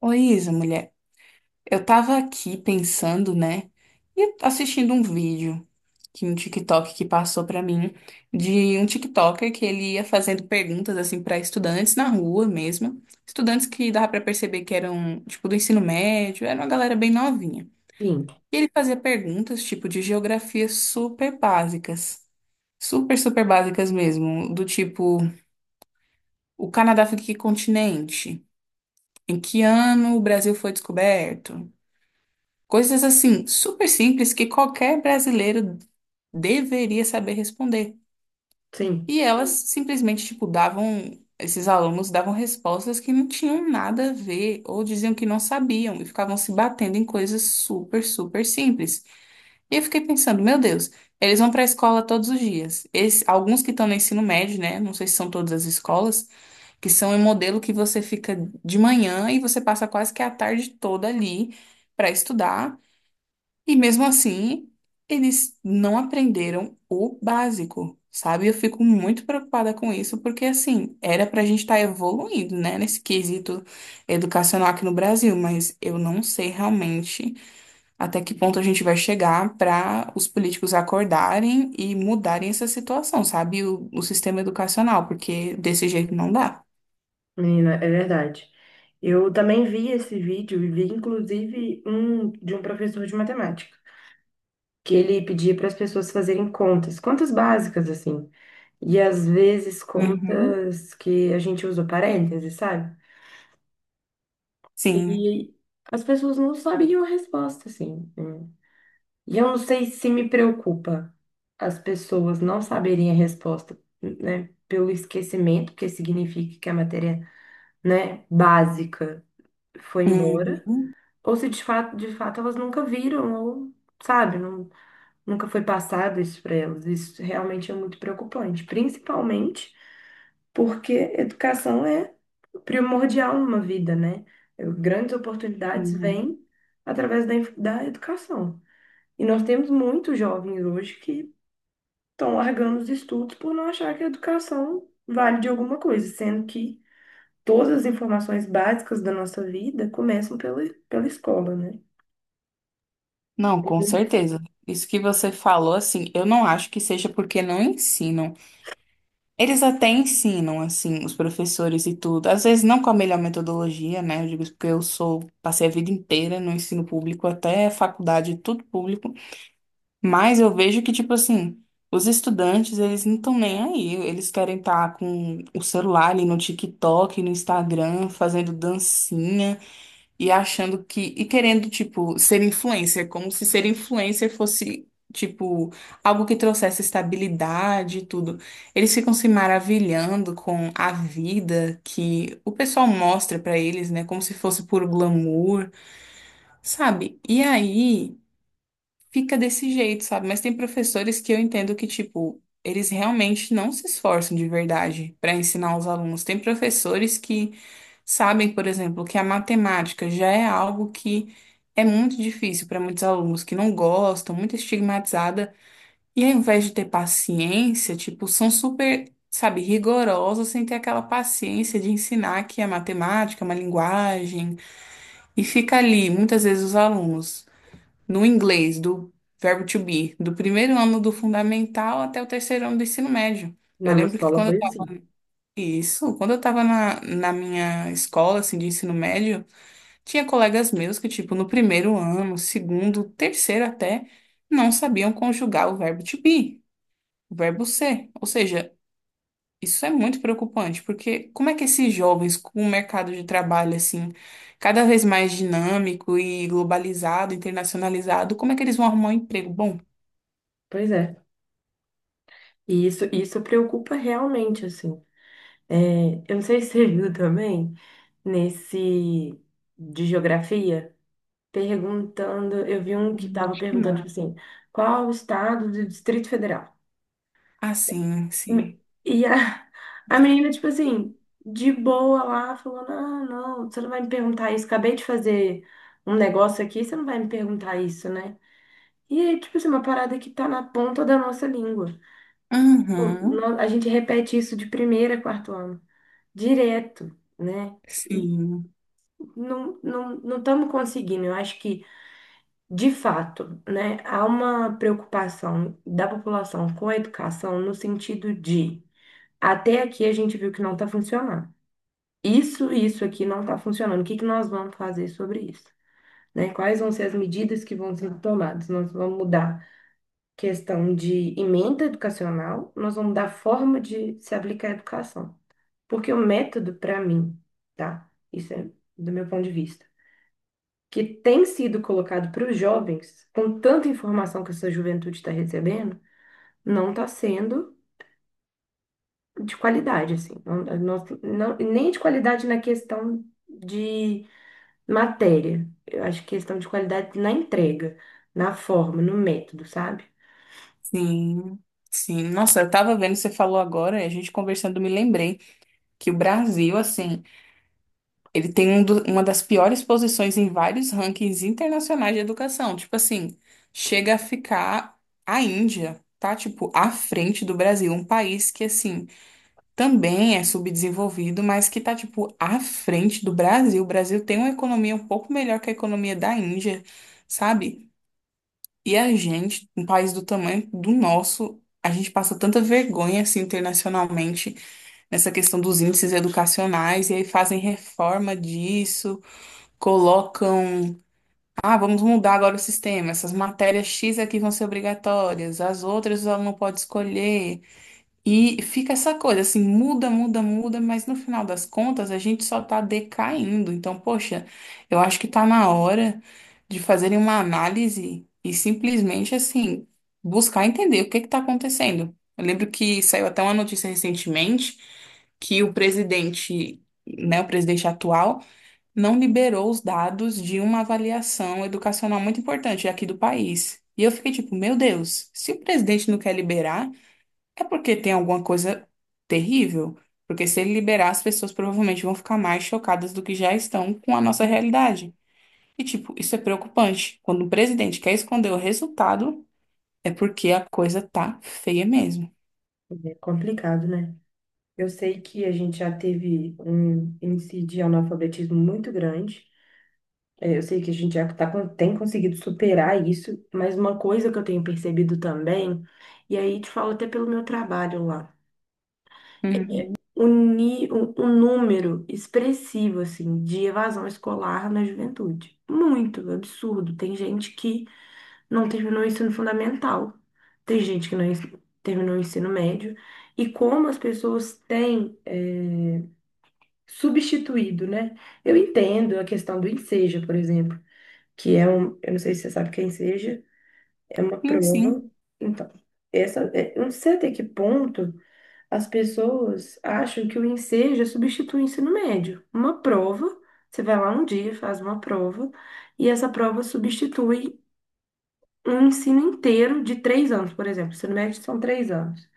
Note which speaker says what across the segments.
Speaker 1: Oi, Isa, mulher. Eu tava aqui pensando, né? E assistindo um vídeo que um TikTok que passou pra mim de um TikToker que ele ia fazendo perguntas assim pra estudantes na rua mesmo, estudantes que dava pra perceber que eram tipo do ensino médio, era uma galera bem novinha.
Speaker 2: Sim,
Speaker 1: E ele fazia perguntas tipo de geografia super básicas. Super, super básicas mesmo, do tipo, o Canadá fica em que continente? Em que ano o Brasil foi descoberto? Coisas assim, super simples que qualquer brasileiro deveria saber responder.
Speaker 2: sim,
Speaker 1: E elas simplesmente, tipo, davam, esses alunos davam respostas que não tinham nada a ver ou diziam que não sabiam e ficavam se batendo em coisas super, super simples. E eu fiquei pensando, meu Deus, eles vão para a escola todos os dias. Alguns que estão no ensino médio, né? Não sei se são todas as escolas, que são um modelo que você fica de manhã e você passa quase que a tarde toda ali para estudar. E mesmo assim, eles não aprenderam o básico, sabe? Eu fico muito preocupada com isso, porque assim, era pra gente estar evoluindo, né, nesse quesito educacional aqui no Brasil, mas eu não sei realmente até que ponto a gente vai chegar pra os políticos acordarem e mudarem essa situação, sabe? O sistema educacional, porque desse jeito não dá.
Speaker 2: menina, é verdade. Eu também vi esse vídeo e vi inclusive um de um professor de matemática, que ele pedia para as pessoas fazerem contas, contas básicas assim, e às vezes
Speaker 1: Uhum.
Speaker 2: contas que a gente usa parênteses, sabe?
Speaker 1: Sim.
Speaker 2: E as pessoas não sabiam a resposta, assim, né? E eu não sei se me preocupa as pessoas não saberem a resposta, né? Pelo esquecimento, que significa que a matéria, né, básica, foi embora,
Speaker 1: Uhum.
Speaker 2: ou se de fato, de fato elas nunca viram, ou, sabe, não, nunca foi passado isso para elas. Isso realmente é muito preocupante, principalmente porque educação é primordial numa vida, né? Grandes oportunidades
Speaker 1: Uhum.
Speaker 2: vêm através da educação. E nós temos muitos jovens hoje que estão largando os estudos por não achar que a educação vale de alguma coisa, sendo que todas as informações básicas da nossa vida começam pela escola, né?
Speaker 1: Não, com
Speaker 2: Uhum.
Speaker 1: certeza. Isso que você falou, assim, eu não acho que seja porque não ensinam. Eles até ensinam, assim, os professores e tudo. Às vezes não com a melhor metodologia, né? Eu digo isso porque eu sou, passei a vida inteira no ensino público, até faculdade, tudo público. Mas eu vejo que, tipo assim, os estudantes, eles não estão nem aí. Eles querem estar com o celular ali no TikTok, no Instagram, fazendo dancinha e achando que e querendo tipo ser influencer, como se ser influencer fosse tipo algo que trouxesse estabilidade e tudo. Eles ficam se maravilhando com a vida que o pessoal mostra pra eles, né, como se fosse puro glamour, sabe? E aí fica desse jeito, sabe? Mas tem professores que eu entendo que tipo eles realmente não se esforçam de verdade pra ensinar os alunos. Tem professores que sabem, por exemplo, que a matemática já é algo que é muito difícil para muitos alunos que não gostam, muito estigmatizada, e ao invés de ter paciência, tipo, são super, sabe, rigorosos sem ter aquela paciência de ensinar que a matemática é uma linguagem, e fica ali, muitas vezes, os alunos no inglês do verbo to be, do primeiro ano do fundamental até o terceiro ano do ensino médio. Eu
Speaker 2: Na minha
Speaker 1: lembro que
Speaker 2: escola foi assim.
Speaker 1: isso, quando eu estava na minha escola, assim, de ensino médio, tinha colegas meus que, tipo, no primeiro ano, segundo, terceiro até, não sabiam conjugar o verbo to be, o verbo ser. Ou seja, isso é muito preocupante, porque como é que esses jovens, com o mercado de trabalho, assim, cada vez mais dinâmico e globalizado, internacionalizado, como é que eles vão arrumar um emprego? Bom,
Speaker 2: Pois é. E isso preocupa realmente, assim. É, eu não sei se você viu também, nesse de geografia, perguntando, eu vi um que estava
Speaker 1: acho que
Speaker 2: perguntando,
Speaker 1: não.
Speaker 2: tipo assim, qual o estado do Distrito Federal?
Speaker 1: Ah, sim, sim.
Speaker 2: E a, a menina, tipo assim, de boa lá, falou: Não, não, você não vai me perguntar isso. Acabei de fazer um negócio aqui, você não vai me perguntar isso, né? E é, tipo assim, uma parada que tá na ponta da nossa língua. Tipo,
Speaker 1: Aham,
Speaker 2: a gente repete isso de primeira a quarto ano, direto, né? E
Speaker 1: sim,
Speaker 2: não estamos conseguindo. Eu acho que, de fato, né, há uma preocupação da população com a educação no sentido de. Até aqui a gente viu que não está funcionando. Isso aqui não está funcionando. O que que nós vamos fazer sobre isso? Né? Quais vão ser as medidas que vão ser tomadas? Nós vamos mudar questão de emenda educacional, nós vamos mudar a forma de se aplicar a educação. Porque o método, para mim, tá? Isso é do meu ponto de vista, que tem sido colocado para os jovens, com tanta informação que essa juventude está recebendo, não está sendo de qualidade, assim. Não, nem de qualidade na questão de matéria. Eu acho que questão de qualidade na entrega, na forma, no método, sabe?
Speaker 1: sim. Sim, nossa, eu tava vendo, você falou agora, e a gente conversando, me lembrei que o Brasil, assim, ele tem uma das piores posições em vários rankings internacionais de educação. Tipo assim, chega a ficar a Índia, tá? Tipo, à frente do Brasil. Um país que, assim, também é subdesenvolvido, mas que tá, tipo, à frente do Brasil. O Brasil tem uma economia um pouco melhor que a economia da Índia, sabe? E a gente, um país do tamanho do nosso, a gente passa tanta vergonha, assim, internacionalmente, nessa questão dos índices educacionais, e aí fazem reforma disso colocam, ah, vamos mudar agora o sistema, essas matérias X aqui vão ser obrigatórias, as outras o aluno pode escolher. E fica essa coisa assim, muda, muda, muda, mas no final das contas a gente só tá decaindo. Então, poxa, eu acho que tá na hora de fazerem uma análise e simplesmente assim, buscar entender o que que tá acontecendo. Eu lembro que saiu até uma notícia recentemente que o presidente, né, o presidente atual não liberou os dados de uma avaliação educacional muito importante aqui do país. E eu fiquei tipo, meu Deus, se o presidente não quer liberar, é porque tem alguma coisa terrível. Porque se ele liberar, as pessoas provavelmente vão ficar mais chocadas do que já estão com a nossa realidade. E, tipo, isso é preocupante. Quando o presidente quer esconder o resultado, é porque a coisa tá feia mesmo.
Speaker 2: É complicado, né? Eu sei que a gente já teve um índice de analfabetismo muito grande. É, eu sei que a gente já tá, tem conseguido superar isso, mas uma coisa que eu tenho percebido também, e aí te falo até pelo meu trabalho lá, é
Speaker 1: Uhum.
Speaker 2: o número expressivo, assim, de evasão escolar na juventude. Muito absurdo. Tem gente que não terminou o ensino fundamental. Tem gente que não terminou o ensino médio. E como as pessoas têm substituído, né? Eu entendo a questão do Enseja, por exemplo, que é um. Eu não sei se você sabe o que é Enseja, é uma
Speaker 1: Sim,
Speaker 2: prova.
Speaker 1: sim.
Speaker 2: Então, eu não sei até que ponto as pessoas acham que o Enseja substitui o ensino médio. Uma prova, você vai lá um dia, faz uma prova, e essa prova substitui um ensino inteiro de 3 anos, por exemplo. O ensino médio são 3 anos.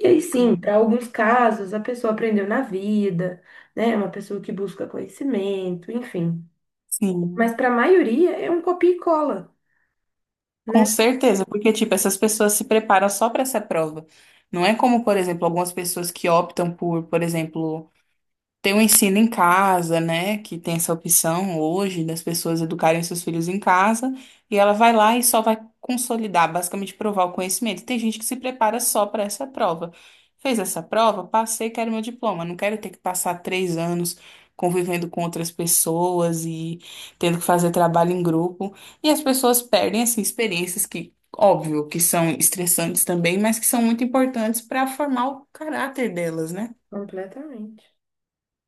Speaker 2: E aí sim,
Speaker 1: Hum.
Speaker 2: para alguns casos, a pessoa aprendeu na vida, né? É uma pessoa que busca conhecimento, enfim. Mas
Speaker 1: Sim,
Speaker 2: para a maioria é um copia e cola,
Speaker 1: com
Speaker 2: né?
Speaker 1: certeza, porque tipo, essas pessoas se preparam só para essa prova. Não é como, por exemplo, algumas pessoas que optam por exemplo, tem o ensino em casa, né? Que tem essa opção hoje das pessoas educarem seus filhos em casa, e ela vai lá e só vai consolidar, basicamente provar o conhecimento. Tem gente que se prepara só para essa prova. Fez essa prova, passei, quero meu diploma. Não quero ter que passar 3 anos convivendo com outras pessoas e tendo que fazer trabalho em grupo. E as pessoas perdem, assim, experiências que, óbvio, que são estressantes também, mas que são muito importantes para formar o caráter delas, né?
Speaker 2: Completamente.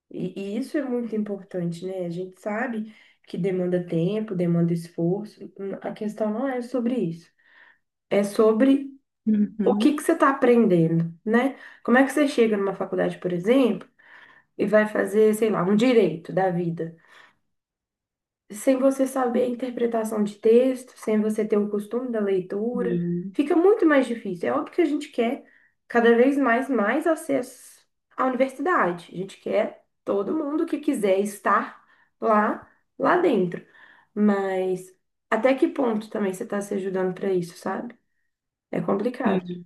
Speaker 2: E isso é muito importante, né? A gente sabe que demanda tempo, demanda esforço. A questão não é sobre isso. É sobre o que que
Speaker 1: Uhum.
Speaker 2: você está aprendendo, né? Como é que você chega numa faculdade, por exemplo? E vai fazer, sei lá, um direito da vida, sem você saber a interpretação de texto, sem você ter o costume da leitura,
Speaker 1: Sim.
Speaker 2: fica muito mais difícil. É óbvio que a gente quer cada vez mais acesso à universidade. A gente quer todo mundo que quiser estar lá, lá dentro. Mas até que ponto também você está se ajudando para isso, sabe? É complicado,
Speaker 1: Hum.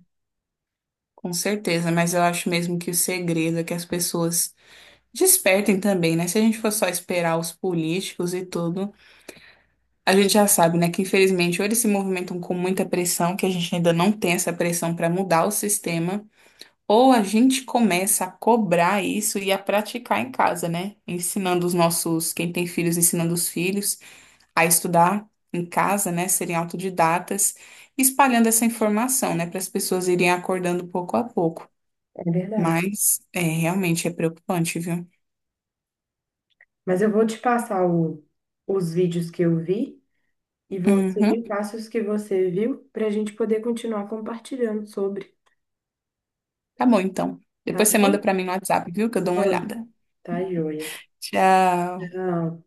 Speaker 1: Com certeza, mas eu acho mesmo que o segredo é que as pessoas despertem também, né? Se a gente for só esperar os políticos e tudo, a gente já sabe, né, que infelizmente ou eles se movimentam com muita pressão, que a gente ainda não tem essa pressão para mudar o sistema, ou a gente começa a cobrar isso e a praticar em casa, né? Ensinando os nossos, quem tem filhos, ensinando os filhos a estudar em casa, né? Serem autodidatas, espalhando essa informação, né, para as pessoas irem acordando pouco a pouco.
Speaker 2: é verdade.
Speaker 1: Mas é realmente é preocupante, viu?
Speaker 2: Mas eu vou te passar os vídeos que eu vi. E você
Speaker 1: Uhum.
Speaker 2: me passa os que você viu para a gente poder continuar compartilhando sobre.
Speaker 1: Tá bom, então.
Speaker 2: Tá
Speaker 1: Depois você manda
Speaker 2: joia?
Speaker 1: pra mim no WhatsApp, viu? Que eu dou uma
Speaker 2: Mando.
Speaker 1: olhada.
Speaker 2: Tá joia.
Speaker 1: Tchau.
Speaker 2: Tchau.